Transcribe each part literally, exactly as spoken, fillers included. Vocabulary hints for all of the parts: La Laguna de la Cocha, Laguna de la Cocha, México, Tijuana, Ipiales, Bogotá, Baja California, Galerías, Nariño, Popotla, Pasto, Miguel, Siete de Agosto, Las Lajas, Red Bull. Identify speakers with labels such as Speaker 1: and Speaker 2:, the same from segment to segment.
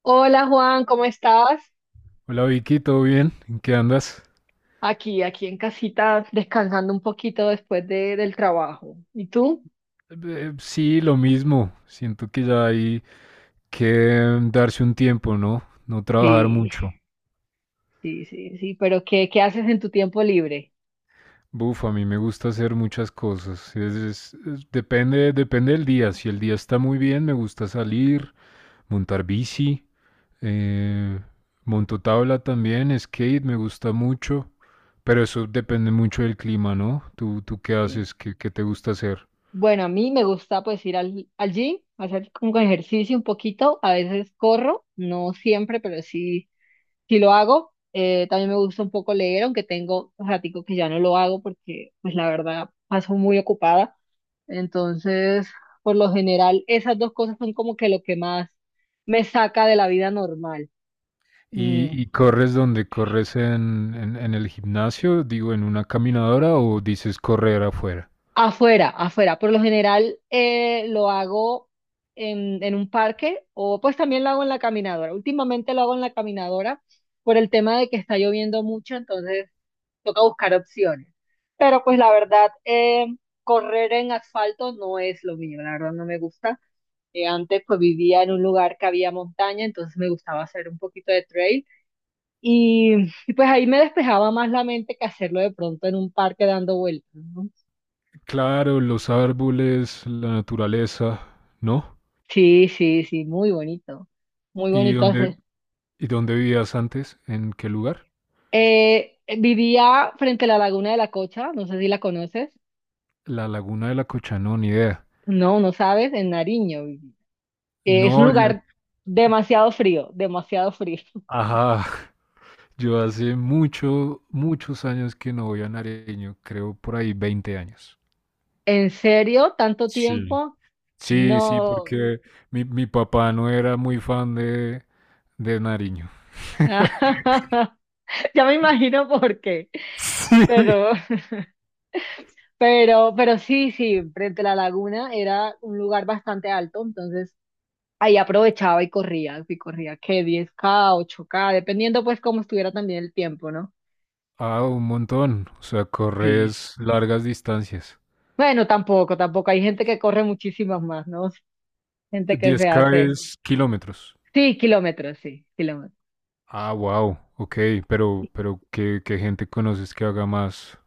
Speaker 1: Hola Juan, ¿cómo estás?
Speaker 2: Hola Vicky, ¿todo bien? ¿En qué andas?
Speaker 1: Aquí, aquí en casita, descansando un poquito después de- del trabajo. ¿Y tú?
Speaker 2: Eh, sí, lo mismo. Siento que ya hay que mm, darse un tiempo, ¿no? No trabajar
Speaker 1: Sí,
Speaker 2: mucho.
Speaker 1: sí, sí, sí, pero ¿qué, qué haces en tu tiempo libre?
Speaker 2: Buf, a mí me gusta hacer muchas cosas. Es- es- es- depende, depende del día. Si el día está muy bien, me gusta salir, montar bici, eh, monto tabla también, skate, me gusta mucho. Pero eso depende mucho del clima, ¿no? ¿Tú, tú qué
Speaker 1: Sí.
Speaker 2: haces? ¿Qué, qué te gusta hacer?
Speaker 1: Bueno, a mí me gusta pues ir al, al gym, hacer como ejercicio un poquito, a veces corro, no siempre, pero sí. Si lo hago, eh, también me gusta un poco leer, aunque tengo ratico que ya no lo hago porque, pues la verdad, paso muy ocupada. Entonces, por lo general, esas dos cosas son como que lo que más me saca de la vida normal.
Speaker 2: ¿Y,
Speaker 1: Mm,
Speaker 2: y corres donde corres en, en, en el gimnasio? Digo, en una caminadora o dices correr afuera.
Speaker 1: Afuera, afuera. Por lo general, eh, lo hago en, en un parque o pues también lo hago en la caminadora. Últimamente lo hago en la caminadora por el tema de que está lloviendo mucho, entonces toca buscar opciones. Pero pues la verdad, eh, correr en asfalto no es lo mío, la verdad no me gusta. Eh, antes pues vivía en un lugar que había montaña, entonces me gustaba hacer un poquito de trail y, y, pues ahí me despejaba más la mente que hacerlo de pronto en un parque dando vueltas, ¿no?
Speaker 2: Claro, los árboles, la naturaleza, ¿no?
Speaker 1: Sí, sí, sí, muy bonito, muy
Speaker 2: ¿Y
Speaker 1: bonito
Speaker 2: dónde,
Speaker 1: hacer.
Speaker 2: y dónde vivías antes? ¿En qué lugar?
Speaker 1: Eh, vivía frente a la Laguna de la Cocha, no sé si la conoces,
Speaker 2: La Laguna de la Cocha, no, ni idea.
Speaker 1: no, no sabes, en Nariño. Eh, es un
Speaker 2: No, yo,
Speaker 1: lugar demasiado frío, demasiado frío.
Speaker 2: ajá, yo hace mucho, muchos años que no voy a Nariño, creo por ahí veinte años.
Speaker 1: ¿En serio? ¿Tanto
Speaker 2: Sí.
Speaker 1: tiempo?
Speaker 2: Sí, sí,
Speaker 1: No.
Speaker 2: porque mi, mi papá no era muy fan de, de Nariño.
Speaker 1: Ya me imagino por qué.
Speaker 2: Sí.
Speaker 1: Pero, pero, pero sí, sí, frente a la laguna era un lugar bastante alto, entonces ahí aprovechaba y corría, y corría que diez k ocho k dependiendo pues cómo estuviera también el tiempo, ¿no?
Speaker 2: Ah, un montón. O sea,
Speaker 1: Sí.
Speaker 2: corres largas distancias.
Speaker 1: Bueno, tampoco, tampoco. Hay gente que corre muchísimas más, ¿no? Gente que
Speaker 2: Diez
Speaker 1: se
Speaker 2: k
Speaker 1: hace.
Speaker 2: es kilómetros.
Speaker 1: Sí, kilómetros, sí, kilómetros.
Speaker 2: Ah, wow. Ok, pero, pero ¿qué, qué gente conoces que haga más?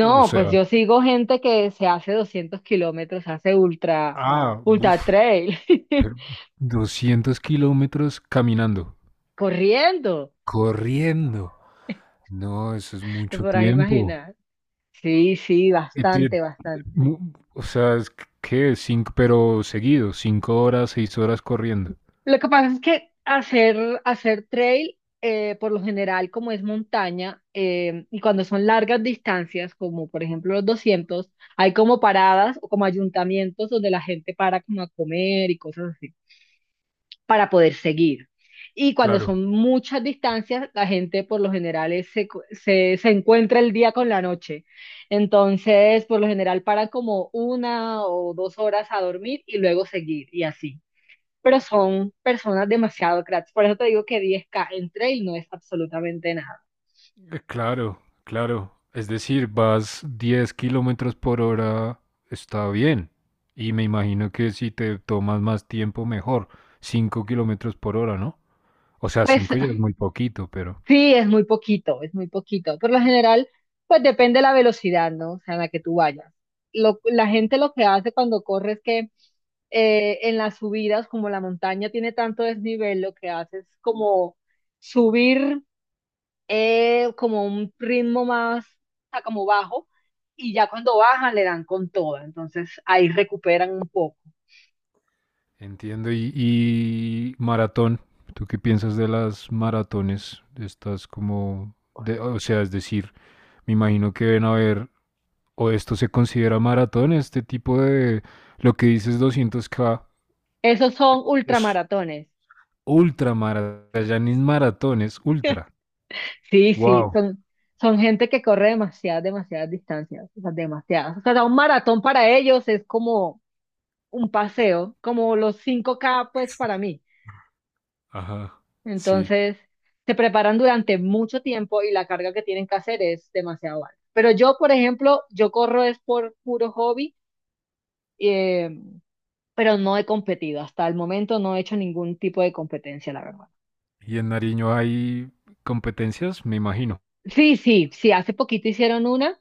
Speaker 2: O
Speaker 1: pues
Speaker 2: sea,
Speaker 1: yo sigo gente que se hace doscientos kilómetros, hace ultra,
Speaker 2: ah, buf,
Speaker 1: ultra trail.
Speaker 2: pero doscientos kilómetros caminando,
Speaker 1: Corriendo,
Speaker 2: corriendo. No, eso es
Speaker 1: te
Speaker 2: mucho
Speaker 1: podrás
Speaker 2: tiempo.
Speaker 1: imaginar. Sí, sí,
Speaker 2: Y ti-
Speaker 1: bastante, bastante.
Speaker 2: mu- O sea, es que cinco, pero seguido, cinco horas, seis horas corriendo.
Speaker 1: Lo que pasa es que hacer, hacer trail, eh, por lo general, como es montaña, eh, y cuando son largas distancias, como por ejemplo los doscientos, hay como paradas o como ayuntamientos donde la gente para como a comer y cosas así para poder seguir. Y cuando
Speaker 2: Claro.
Speaker 1: son muchas distancias, la gente por lo general es- se, cu- se, se encuentra el día con la noche. Entonces, por lo general para como una o dos horas a dormir y luego seguir y así. Pero son personas demasiado cracks. Por eso te digo que diez K en trail no es absolutamente nada.
Speaker 2: Eh, Claro, claro. Es decir, vas diez kilómetros por hora, está bien. Y me imagino que si te tomas más tiempo, mejor. Cinco kilómetros por hora, ¿no? O sea,
Speaker 1: Pues
Speaker 2: cinco ya es muy poquito, pero
Speaker 1: sí, es muy poquito, es muy poquito. Por lo general, pues depende de la velocidad, ¿no? O sea, en la que tú vayas. Lo- la gente lo que hace cuando corre es que eh, en las subidas, como la montaña tiene tanto desnivel, lo que hace es como subir eh, como un ritmo más, o sea, como bajo, y ya cuando bajan le dan con toda. Entonces ahí recuperan un poco.
Speaker 2: entiendo. Y, y maratón, ¿tú qué piensas de las maratones? Estás como, de, o sea, es decir, me imagino que deben haber, o esto se considera maratón, este tipo de, lo que dices doscientos k.
Speaker 1: Esos son ultramaratones.
Speaker 2: Ultramara Yanis maratones, ultra.
Speaker 1: Sí, sí,
Speaker 2: Wow.
Speaker 1: son, son gente que corre demasiadas, demasiadas distancias, o sea, demasiadas. O sea, un maratón para ellos es como un paseo, como los cinco k pues para mí.
Speaker 2: Ajá, sí.
Speaker 1: Entonces, se preparan durante mucho tiempo y la carga que tienen que hacer es demasiado alta. Pero yo, por ejemplo, yo corro es por puro hobby, eh, pero no he competido. Hasta el momento no he hecho ningún tipo de competencia, la verdad.
Speaker 2: Y en Nariño hay competencias, me imagino.
Speaker 1: Sí, sí, sí, hace poquito hicieron una.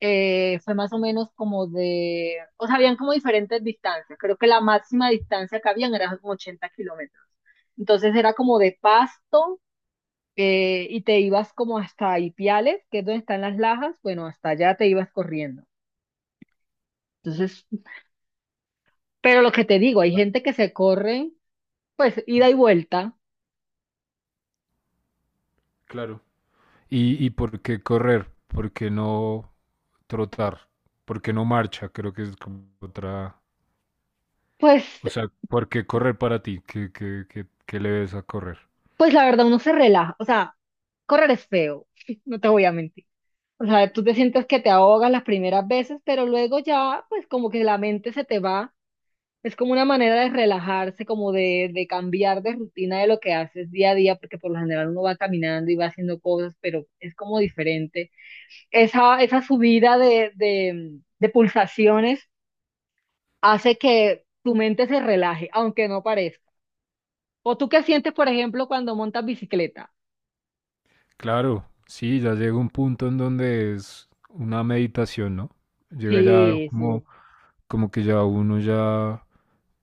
Speaker 1: eh, Fue más o menos como de, o sea, habían como diferentes distancias. Creo que la máxima distancia que habían era como ochenta kilómetros. Entonces era como de pasto, eh, y te ibas como hasta Ipiales, que es donde están las lajas. Bueno, hasta allá te ibas corriendo. Entonces, pero lo que te digo, hay gente que se corre, pues ida y vuelta.
Speaker 2: Claro. ¿Y, y por qué correr? ¿Por qué no trotar? ¿Por qué no marcha? Creo que es como otra...
Speaker 1: Pues,
Speaker 2: O sea, ¿por qué correr para ti? ¿Qué, qué- qué- qué le ves a correr?
Speaker 1: pues la verdad uno se relaja. O sea, correr es feo, no te voy a mentir. O sea, tú te sientes que te ahogas las primeras veces, pero luego ya, pues como que la mente se te va. Es como una manera de relajarse, como de, de cambiar de rutina de lo que haces día a día, porque por lo general uno va caminando y va haciendo cosas, pero es como diferente. Esa, esa subida de, de, de pulsaciones hace que tu mente se relaje, aunque no parezca. ¿O tú qué sientes, por ejemplo, cuando montas bicicleta?
Speaker 2: Claro, sí, ya llega un punto en donde es una meditación, ¿no? Llega ya
Speaker 1: Sí, sí,
Speaker 2: como, como que ya uno ya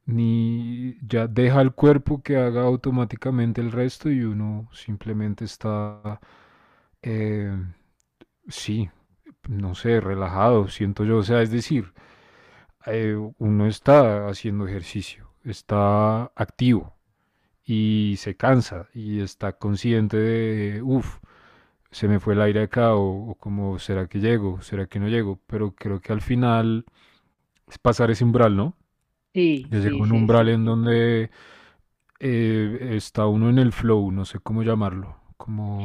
Speaker 2: ni ya deja el cuerpo que haga automáticamente el resto y uno simplemente está, eh, sí, no sé, relajado, siento yo, o sea, es decir, eh, uno está haciendo ejercicio, está activo y se cansa y está consciente de, uff, se me fue el aire acá o, o, como, ¿será que llego? ¿Será que no llego? Pero creo que al final es pasar ese umbral, ¿no?
Speaker 1: sí,
Speaker 2: Ya llega
Speaker 1: sí,
Speaker 2: un
Speaker 1: sí,
Speaker 2: umbral
Speaker 1: sí,
Speaker 2: en donde eh, está uno en el flow, no sé cómo llamarlo,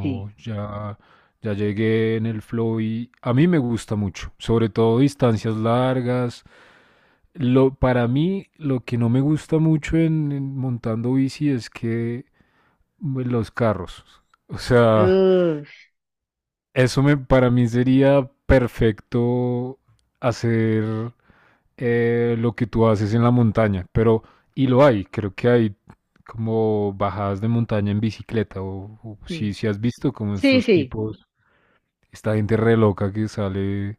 Speaker 1: sí.
Speaker 2: ya, ya llegué en el flow y a mí me gusta mucho, sobre todo distancias largas. Lo, para mí lo que no me gusta mucho en, en montando bici es que bueno, los carros, o sea,
Speaker 1: Uf,
Speaker 2: eso me, para mí sería perfecto hacer eh, lo que tú haces en la montaña, pero, y lo hay, creo que hay como bajadas de montaña en bicicleta, o, o si,
Speaker 1: sí,
Speaker 2: si has visto como
Speaker 1: sí,
Speaker 2: estos
Speaker 1: sí.
Speaker 2: tipos, esta gente re loca que sale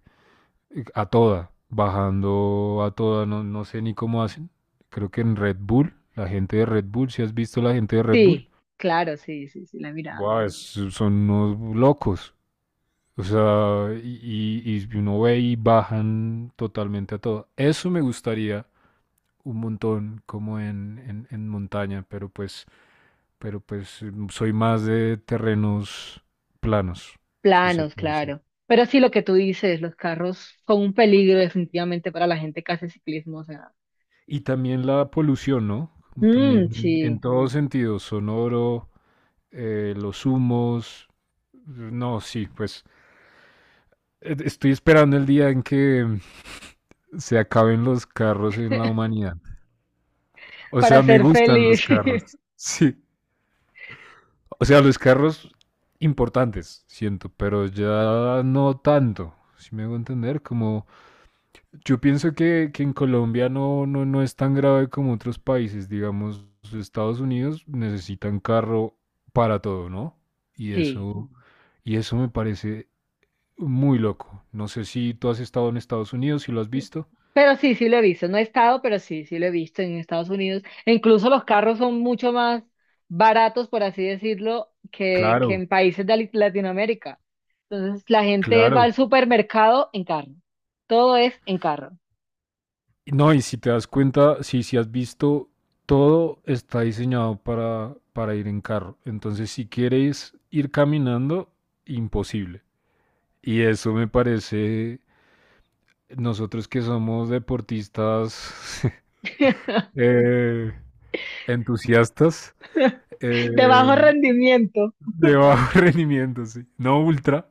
Speaker 2: eh, a toda, bajando a toda, no, no sé ni cómo hacen, creo que en Red Bull, la gente de Red Bull, si has visto la gente de Red Bull,
Speaker 1: Sí, claro, sí, sí, sí, la mirada.
Speaker 2: Buah, es- son unos locos. O sea, y, y- y uno ve y bajan totalmente a todo. Eso me gustaría un montón como en, en, en montaña, pero pues, pero pues mm, soy más de terrenos planos, si se
Speaker 1: Planos,
Speaker 2: puede decir.
Speaker 1: claro. Pero sí, lo que tú dices, los carros son un peligro definitivamente para la gente que hace ciclismo, o sea.
Speaker 2: Y también la polución, ¿no? Como
Speaker 1: Mm,
Speaker 2: también en
Speaker 1: sí,
Speaker 2: todo sentido, sonoro, eh, los humos, no, sí, pues eh, estoy esperando el día en que se acaben los carros en la humanidad. O
Speaker 1: para
Speaker 2: sea, me
Speaker 1: ser
Speaker 2: gustan los
Speaker 1: feliz.
Speaker 2: carros, sí. O sea, los carros importantes, siento, pero ya no tanto. Si me hago entender, como yo pienso que, que en Colombia no, no, no es tan grave como otros países, digamos, Estados Unidos necesitan carro para todo, ¿no? Y
Speaker 1: Sí,
Speaker 2: eso, y eso me parece muy loco. No sé si tú has estado en Estados Unidos, si lo has visto.
Speaker 1: pero sí, sí lo he visto. No he estado, pero sí, sí lo he visto en Estados Unidos. E incluso los carros son mucho más baratos, por así decirlo, que, que
Speaker 2: Claro,
Speaker 1: en países de Lit- Latinoamérica. Entonces, la gente va al
Speaker 2: claro.
Speaker 1: supermercado en carro. Todo es en carro.
Speaker 2: No, y si te das cuenta, sí, si has visto, todo está diseñado para, para ir en carro. Entonces, si quieres ir caminando, imposible. Y eso me parece, nosotros que somos deportistas eh, entusiastas
Speaker 1: De
Speaker 2: eh,
Speaker 1: bajo rendimiento.
Speaker 2: de bajo rendimiento, sí. No ultra.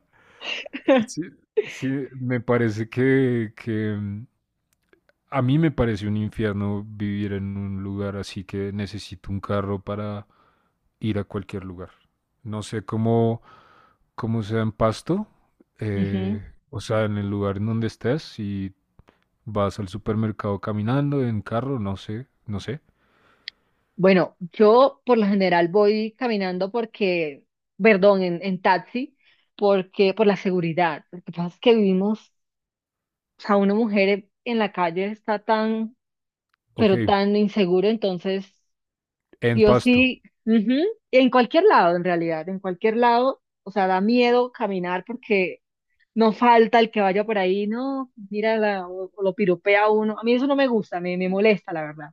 Speaker 2: Sí, sí, me parece que, que a mí me parece un infierno vivir en un lugar así que necesito un carro para ir a cualquier lugar. No sé cómo, cómo sea en Pasto,
Speaker 1: Ujú.
Speaker 2: eh, o sea, en el lugar en donde estés, si vas al supermercado caminando, en carro, no sé, no sé.
Speaker 1: Bueno, yo por lo general voy caminando porque, perdón, en, en taxi, porque por la seguridad. Lo que pasa es que vivimos, o sea, una mujer en la calle está tan,
Speaker 2: Ok,
Speaker 1: pero tan insegura, entonces,
Speaker 2: en
Speaker 1: sí o
Speaker 2: Pasto.
Speaker 1: sí, ujú. En cualquier lado, en realidad, en cualquier lado, o sea, da miedo caminar porque no falta el que vaya por ahí, no, mira, la- o, o lo piropea a uno. A mí eso no me gusta, me, me molesta, la verdad.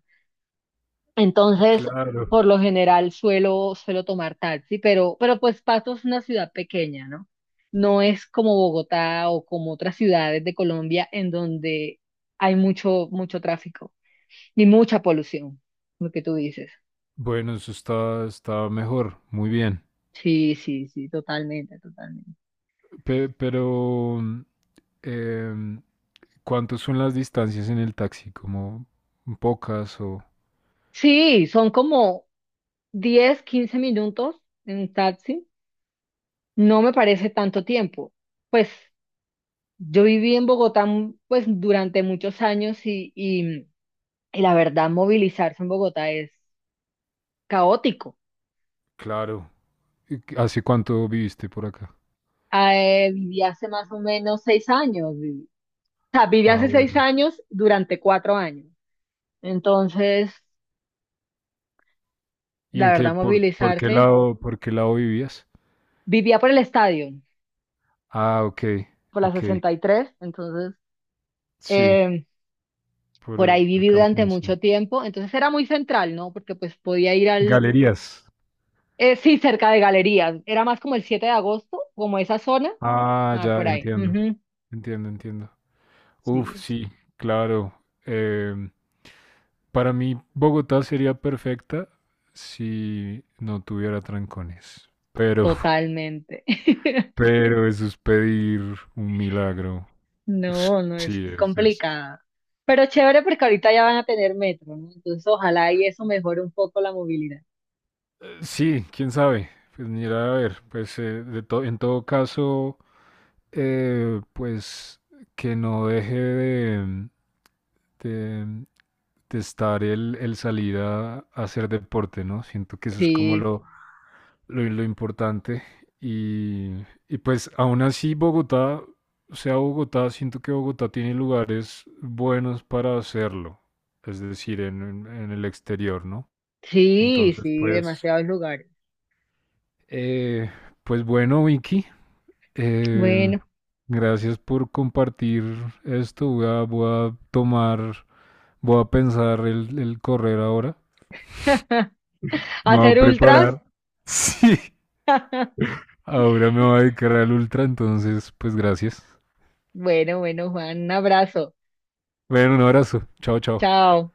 Speaker 1: Entonces,
Speaker 2: Claro.
Speaker 1: por lo general suelo, suelo tomar taxi, pero, pero pues Pasto es una ciudad pequeña, ¿no? No es como Bogotá o como otras ciudades de Colombia en donde hay mucho, mucho tráfico ni mucha polución, lo que tú dices.
Speaker 2: Bueno, eso está, está mejor, muy bien.
Speaker 1: Sí, sí, sí, totalmente, totalmente.
Speaker 2: Pe- pero, mm, em, ¿cuántas son las distancias en el taxi? ¿Como pocas o...?
Speaker 1: Sí, son como diez quince minutos en un taxi. No me parece tanto tiempo. Pues yo viví en Bogotá, mm, pues durante muchos años y, y Y la verdad, movilizarse en Bogotá es caótico.
Speaker 2: Claro, ¿Y qué- ¿Hace cuánto viviste por acá?
Speaker 1: Eh, viví hace más o menos seis años. vi- O sea, viví
Speaker 2: Ah,
Speaker 1: hace seis
Speaker 2: bueno.
Speaker 1: años durante cuatro años. Entonces,
Speaker 2: ¿Y
Speaker 1: la
Speaker 2: en qué,
Speaker 1: verdad,
Speaker 2: por, por qué
Speaker 1: movilizarse.
Speaker 2: lado, por qué lado vivías?
Speaker 1: Vivía por el estadio,
Speaker 2: Ah, ok,
Speaker 1: por la
Speaker 2: ok.
Speaker 1: sesenta y tres. Entonces,
Speaker 2: Sí,
Speaker 1: eh,
Speaker 2: por
Speaker 1: por ahí
Speaker 2: el, el
Speaker 1: viví durante
Speaker 2: camping, sí.
Speaker 1: mucho tiempo. Entonces, era muy central, ¿no? Porque pues podía ir al...
Speaker 2: Galerías.
Speaker 1: Eh, sí, cerca de galerías. Era más como el siete de agosto, como esa zona.
Speaker 2: Ah,
Speaker 1: Ah,
Speaker 2: ya,
Speaker 1: por ahí.
Speaker 2: entiendo.
Speaker 1: Ujú.
Speaker 2: Entiendo, entiendo. Uf,
Speaker 1: Sí,
Speaker 2: sí, claro. Em, para mí, Bogotá sería perfecta si no tuviera trancones. Pero,
Speaker 1: totalmente.
Speaker 2: pero eso es pedir un milagro.
Speaker 1: No, no es,
Speaker 2: Sí,
Speaker 1: es
Speaker 2: es, es-
Speaker 1: complicada. Pero chévere porque ahorita ya van a tener metro, ¿no? Entonces ojalá y eso mejore un poco la movilidad.
Speaker 2: sí, quién sabe. Pues mira, a ver, pues eh, de to- en todo caso, eh, pues que no deje de, de- de estar el, el salir a, a hacer deporte, ¿no? Siento que eso es como
Speaker 1: Sí,
Speaker 2: lo, lo, lo importante. Y, y pues aún así Bogotá, o sea Bogotá, siento que Bogotá tiene lugares buenos para hacerlo, es decir, en, en en el exterior, ¿no?
Speaker 1: sí,
Speaker 2: Entonces,
Speaker 1: sí,
Speaker 2: pues...
Speaker 1: demasiados lugares.
Speaker 2: Eh, pues bueno, Vicky, Eh,
Speaker 1: Bueno,
Speaker 2: gracias por compartir esto. Voy a, voy a tomar, voy a pensar el, el correr ahora. Me voy a
Speaker 1: hacer ultras.
Speaker 2: preparar. Sí, ahora me voy a dedicar al ultra, entonces, pues gracias.
Speaker 1: Bueno, bueno, Juan, un abrazo.
Speaker 2: Bueno, un abrazo. Chao, chao.
Speaker 1: Chao.